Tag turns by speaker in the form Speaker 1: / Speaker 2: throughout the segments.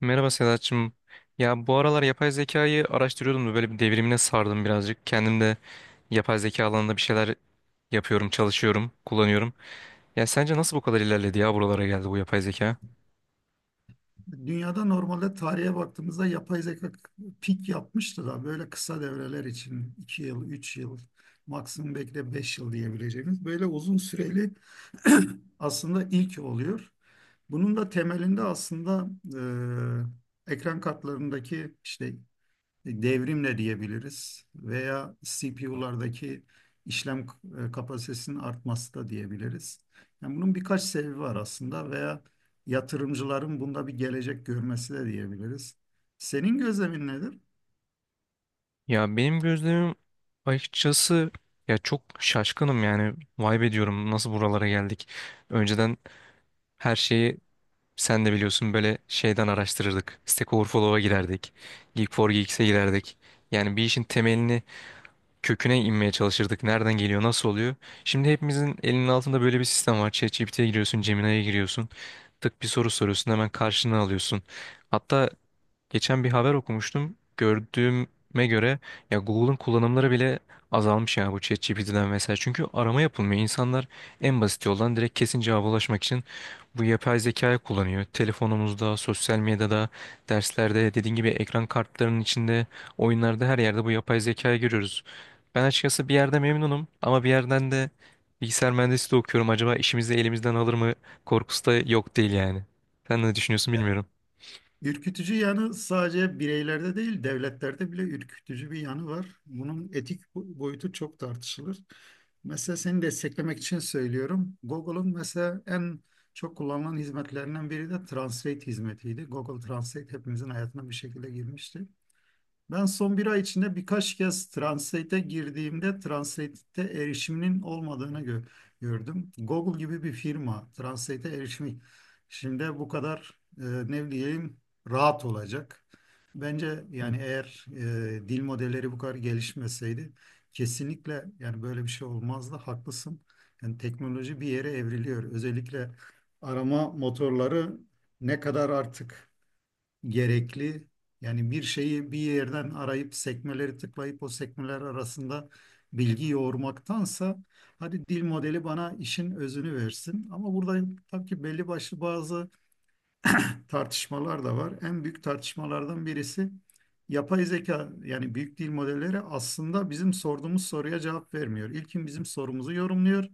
Speaker 1: Merhaba Sedat'cığım. Ya bu aralar yapay zekayı araştırıyordum da böyle bir devrimine sardım birazcık. Kendim de yapay zeka alanında bir şeyler yapıyorum, çalışıyorum, kullanıyorum. Ya sence nasıl bu kadar ilerledi ya buralara geldi bu yapay zeka?
Speaker 2: Dünyada normalde tarihe baktığımızda yapay zeka pik yapmıştı da böyle kısa devreler için 2 yıl, 3 yıl, maksimum belki de 5 yıl diyebileceğimiz böyle uzun süreli aslında ilk oluyor. Bunun da temelinde aslında ekran kartlarındaki işte devrimle diyebiliriz veya CPU'lardaki işlem kapasitesinin artması da diyebiliriz. Yani bunun birkaç sebebi var aslında veya yatırımcıların bunda bir gelecek görmesi de diyebiliriz. Senin gözlemin nedir?
Speaker 1: Ya benim gözlemim açıkçası ya çok şaşkınım yani. Vay be diyorum nasıl buralara geldik. Önceden her şeyi sen de biliyorsun böyle şeyden araştırırdık. Stack Overflow'a girerdik. Geek4Geeks'e girerdik. Yani bir işin temelini köküne inmeye çalışırdık. Nereden geliyor, nasıl oluyor? Şimdi hepimizin elinin altında böyle bir sistem var. ChatGPT'ye giriyorsun, Gemini'ye giriyorsun. Tık bir soru soruyorsun, hemen karşına alıyorsun. Hatta geçen bir haber okumuştum. Gördüğüme göre ya Google'ın kullanımları bile azalmış ya bu ChatGPT'den vesaire. Çünkü arama yapılmıyor. İnsanlar en basit yoldan direkt kesin cevaba ulaşmak için bu yapay zekayı kullanıyor. Telefonumuzda, sosyal medyada, derslerde, dediğin gibi ekran kartlarının içinde, oyunlarda her yerde bu yapay zekayı görüyoruz. Ben açıkçası bir yerde memnunum ama bir yerden de bilgisayar mühendisliği okuyorum. Acaba işimizi elimizden alır mı korkusu da yok değil yani. Sen ne düşünüyorsun bilmiyorum.
Speaker 2: Ürkütücü yanı sadece bireylerde değil, devletlerde bile ürkütücü bir yanı var. Bunun boyutu çok tartışılır. Mesela seni desteklemek için söylüyorum. Google'un mesela en çok kullanılan hizmetlerinden biri de Translate hizmetiydi. Google Translate hepimizin hayatına bir şekilde girmişti. Ben son bir ay içinde birkaç kez Translate'e girdiğimde Translate'te erişiminin olmadığını gördüm. Google gibi bir firma Translate'e erişimi şimdi bu kadar ne diyeyim rahat olacak. Bence yani eğer dil modelleri bu kadar gelişmeseydi kesinlikle yani böyle bir şey olmazdı. Haklısın. Yani teknoloji bir yere evriliyor. Özellikle arama motorları ne kadar artık gerekli. Yani bir şeyi bir yerden arayıp sekmeleri tıklayıp o sekmeler arasında bilgi yoğurmaktansa hadi dil modeli bana işin özünü versin. Ama burada tabii ki belli başlı bazı tartışmalar da var. En büyük tartışmalardan birisi yapay zeka yani büyük dil modelleri aslında bizim sorduğumuz soruya cevap vermiyor. İlkin bizim sorumuzu yorumluyor.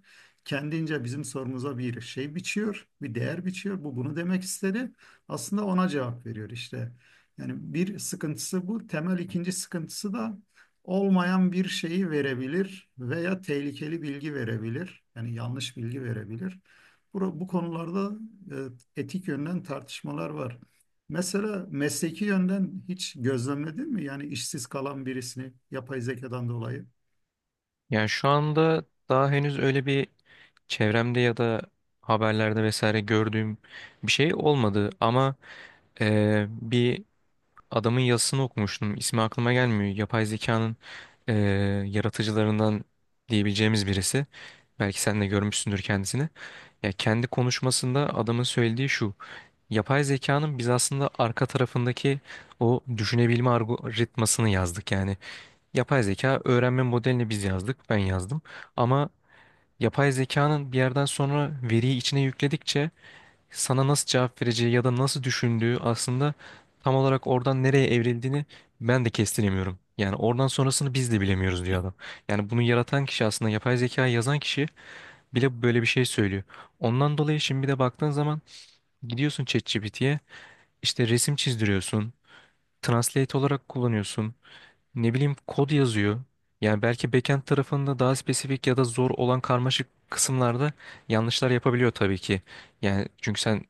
Speaker 2: Kendince bizim sorumuza bir şey biçiyor, bir değer biçiyor. Bu bunu demek istedi. Aslında ona cevap veriyor işte. Yani bir sıkıntısı bu. Temel ikinci sıkıntısı da olmayan bir şeyi verebilir veya tehlikeli bilgi verebilir. Yani yanlış bilgi verebilir. Bu konularda etik yönden tartışmalar var. Mesela mesleki yönden hiç gözlemledin mi? Yani işsiz kalan birisini yapay zekadan dolayı.
Speaker 1: Yani şu anda daha henüz öyle bir çevremde ya da haberlerde vesaire gördüğüm bir şey olmadı ama bir adamın yazısını okumuştum. İsmi aklıma gelmiyor. Yapay zekanın eee, yaratıcılarından diyebileceğimiz birisi. Belki sen de görmüşsündür kendisini. Ya kendi konuşmasında adamın söylediği şu. Yapay zekanın biz aslında arka tarafındaki o düşünebilme algoritmasını yazdık. Yani yapay zeka öğrenme modelini biz yazdık, ben yazdım. Ama yapay zekanın bir yerden sonra veriyi içine yükledikçe sana nasıl cevap vereceği ya da nasıl düşündüğü aslında tam olarak oradan nereye evrildiğini ben de kestiremiyorum. Yani oradan sonrasını biz de bilemiyoruz diyor adam. Yani bunu yaratan kişi aslında yapay zekayı yazan kişi bile böyle bir şey söylüyor. Ondan dolayı şimdi bir de baktığın zaman gidiyorsun ChatGPT'ye işte resim çizdiriyorsun, translate olarak kullanıyorsun. Ne bileyim kod yazıyor. Yani belki backend tarafında daha spesifik ya da zor olan karmaşık kısımlarda yanlışlar yapabiliyor tabii ki. Yani çünkü sen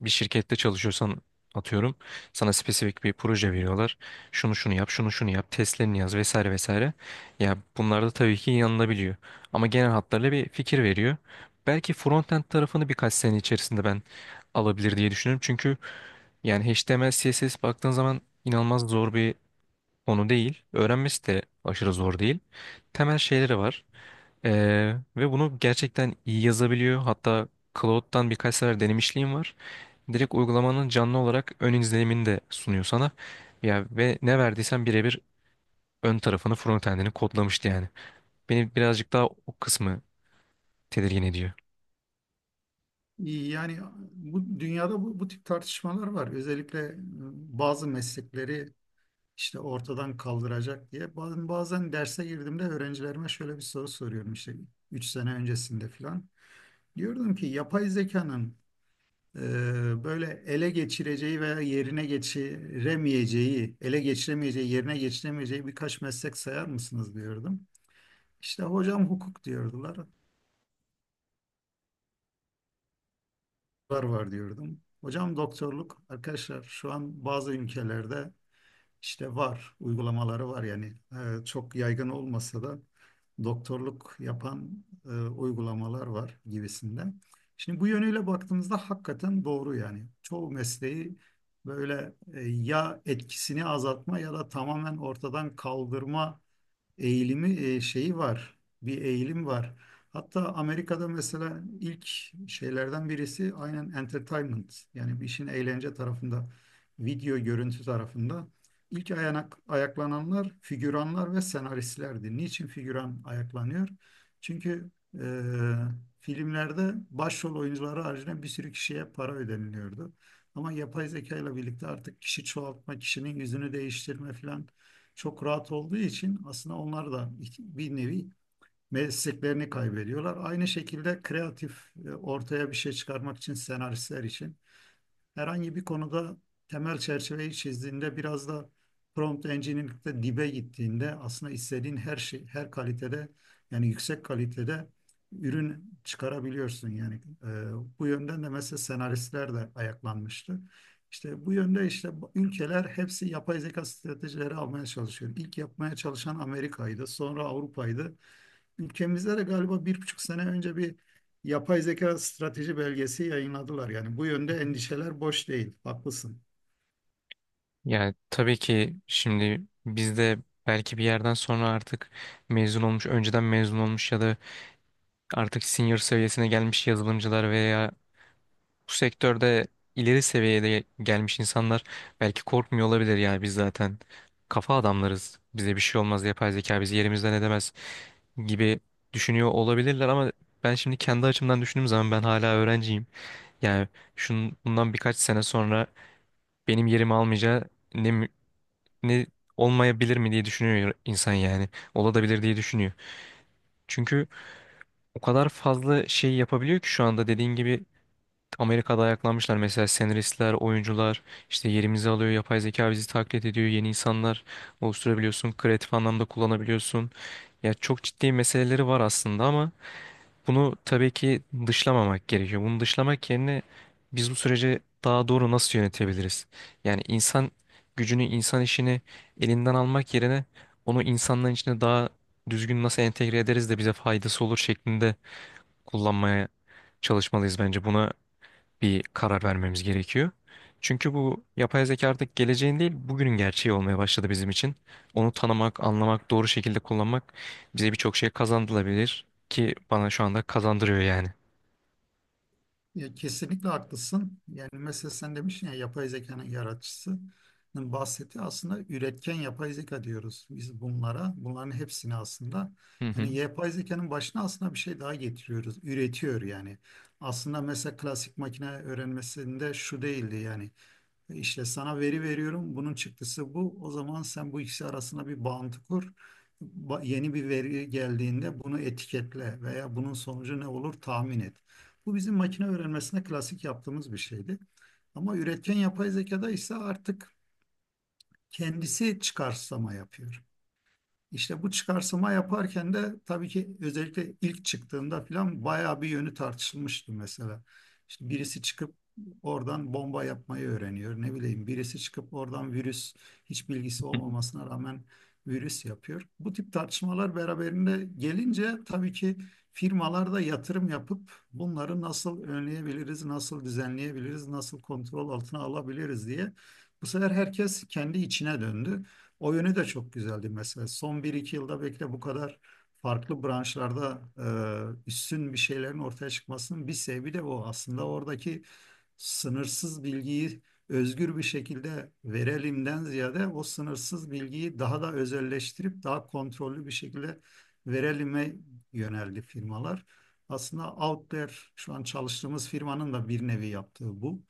Speaker 1: bir şirkette çalışıyorsan atıyorum sana spesifik bir proje veriyorlar. Şunu şunu yap, şunu şunu yap, testlerini yaz vesaire vesaire. Ya bunlarda tabii ki yanılabiliyor. Ama genel hatlarıyla bir fikir veriyor. Belki frontend tarafını birkaç sene içerisinde ben alabilir diye düşünüyorum. Çünkü yani HTML, CSS baktığın zaman inanılmaz zor bir onu değil. Öğrenmesi de aşırı zor değil. Temel şeyleri var. Ve bunu gerçekten iyi yazabiliyor. Hatta Cloud'dan birkaç sefer denemişliğim var. Direkt uygulamanın canlı olarak ön izlenimini de sunuyor sana. Ya ve ne verdiysen birebir ön tarafını, frontendini kodlamıştı yani. Beni birazcık daha o kısmı tedirgin ediyor.
Speaker 2: Yani bu dünyada bu tip tartışmalar var. Özellikle bazı meslekleri işte ortadan kaldıracak diye. Bazen derse girdiğimde öğrencilerime şöyle bir soru soruyorum işte 3 sene öncesinde falan. Diyordum ki yapay zekanın böyle ele geçireceği veya yerine geçiremeyeceği, ele geçiremeyeceği, yerine geçiremeyeceği birkaç meslek sayar mısınız diyordum. İşte hocam hukuk diyordular, var var diyordum. Hocam doktorluk, arkadaşlar şu an bazı ülkelerde İşte var, uygulamaları var yani. Çok yaygın olmasa da doktorluk yapan uygulamalar var gibisinden. Şimdi bu yönüyle baktığımızda hakikaten doğru yani. Çoğu mesleği böyle ya etkisini azaltma ya da tamamen ortadan kaldırma eğilimi şeyi var. Bir eğilim var. Hatta Amerika'da mesela ilk şeylerden birisi aynen entertainment. Yani bir işin eğlence tarafında, video görüntü tarafında ayaklananlar figüranlar ve senaristlerdi. Niçin figüran ayaklanıyor? Çünkü e, filmlerde başrol oyuncuları haricinde bir sürü kişiye para ödeniliyordu. Ama yapay zeka ile birlikte artık kişi çoğaltma, kişinin yüzünü değiştirme filan çok rahat olduğu için aslında onlar da bir nevi mesleklerini kaybediyorlar. Aynı şekilde kreatif ortaya bir şey çıkarmak için senaristler için herhangi bir konuda temel çerçeveyi çizdiğinde biraz da prompt engineering'de dibe gittiğinde aslında istediğin her şey her kalitede yani yüksek kalitede ürün çıkarabiliyorsun yani e, bu yönden de mesela senaristler de ayaklanmıştı. İşte bu yönde işte ülkeler hepsi yapay zeka stratejileri almaya çalışıyor. İlk yapmaya çalışan Amerika'ydı, sonra Avrupa'ydı. Ülkemizde de galiba bir buçuk sene önce bir yapay zeka strateji belgesi yayınladılar. Yani bu yönde endişeler boş değil. Haklısın.
Speaker 1: Yani tabii ki şimdi biz de belki bir yerden sonra artık mezun olmuş, önceden mezun olmuş ya da artık senior seviyesine gelmiş yazılımcılar veya bu sektörde ileri seviyede gelmiş insanlar belki korkmuyor olabilir yani biz zaten kafa adamlarız. Bize bir şey olmaz, yapay zeka bizi yerimizden edemez gibi düşünüyor olabilirler ama ben şimdi kendi açımdan düşündüğüm zaman ben hala öğrenciyim. Yani şunun bundan birkaç sene sonra benim yerimi almayacağı ne mü- ne olmayabilir mi diye düşünüyor insan yani. Olabilir diye düşünüyor. Çünkü o kadar fazla şey yapabiliyor ki şu anda dediğin gibi Amerika'da ayaklanmışlar mesela senaristler, oyuncular işte yerimizi alıyor, yapay zeka bizi taklit ediyor, yeni insanlar oluşturabiliyorsun, kreatif anlamda kullanabiliyorsun. Ya çok ciddi meseleleri var aslında ama bunu tabii ki dışlamamak gerekiyor. Bunu dışlamak yerine biz bu süreci daha doğru nasıl yönetebiliriz? Yani insan gücünü, insan işini elinden almak yerine onu insanların içine daha düzgün nasıl entegre ederiz de bize faydası olur şeklinde kullanmaya çalışmalıyız bence. Buna bir karar vermemiz gerekiyor. Çünkü bu yapay zeka artık geleceğin değil, bugünün gerçeği olmaya başladı bizim için. Onu tanımak, anlamak, doğru şekilde kullanmak bize birçok şey kazandırabilir ki bana şu anda kazandırıyor yani.
Speaker 2: Ya, kesinlikle haklısın. Yani mesela sen demiştin ya yapay zekanın yaratıcısının bahsettiği aslında üretken yapay zeka diyoruz biz bunlara. Bunların hepsini aslında
Speaker 1: Hı hı.
Speaker 2: yani yapay zekanın başına aslında bir şey daha getiriyoruz. Üretiyor yani. Aslında mesela klasik makine öğrenmesinde şu değildi yani. İşte sana veri veriyorum. Bunun çıktısı bu. O zaman sen bu ikisi arasında bir bağıntı kur. Yeni bir veri geldiğinde bunu etiketle veya bunun sonucu ne olur tahmin et. Bu bizim makine öğrenmesinde klasik yaptığımız bir şeydi. Ama üretken yapay zekada ise artık kendisi çıkarsama yapıyor. İşte bu çıkarsıma yaparken de tabii ki özellikle ilk çıktığında falan bayağı bir yönü tartışılmıştı mesela. İşte birisi çıkıp oradan bomba yapmayı öğreniyor. Ne bileyim birisi çıkıp oradan virüs hiç bilgisi olmamasına rağmen virüs yapıyor. Bu tip tartışmalar beraberinde gelince tabii ki firmalar da yatırım yapıp bunları nasıl önleyebiliriz, nasıl düzenleyebiliriz, nasıl kontrol altına alabiliriz diye bu sefer herkes kendi içine döndü. O yönü de çok güzeldi mesela. Son bir iki yılda belki de bu kadar farklı branşlarda üstün bir şeylerin ortaya çıkmasının bir sebebi de o. Aslında oradaki sınırsız bilgiyi özgür bir şekilde verelimden ziyade o sınırsız bilgiyi daha da özelleştirip daha kontrollü bir şekilde verelime yöneldi firmalar. Aslında Outlier şu an çalıştığımız firmanın da bir nevi yaptığı bu.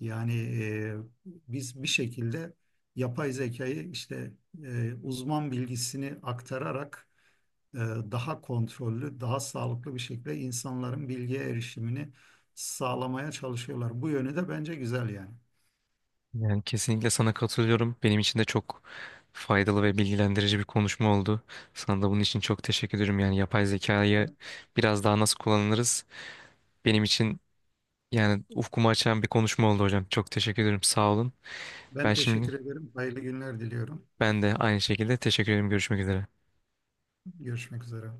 Speaker 2: Yani e, biz bir şekilde yapay zekayı işte uzman bilgisini aktararak daha kontrollü, daha sağlıklı bir şekilde insanların bilgiye erişimini sağlamaya çalışıyorlar. Bu yönü de bence güzel yani.
Speaker 1: Yani kesinlikle sana katılıyorum. Benim için de çok faydalı ve bilgilendirici bir konuşma oldu. Sana da bunun için çok teşekkür ederim. Yani yapay zekayı
Speaker 2: Ben,
Speaker 1: biraz daha nasıl kullanırız? Benim için yani ufkumu açan bir konuşma oldu hocam. Çok teşekkür ederim. Sağ olun.
Speaker 2: ben
Speaker 1: Ben
Speaker 2: teşekkür
Speaker 1: şimdi
Speaker 2: ederim. Hayırlı günler diliyorum.
Speaker 1: ben de aynı şekilde teşekkür ederim. Görüşmek üzere.
Speaker 2: Görüşmek üzere.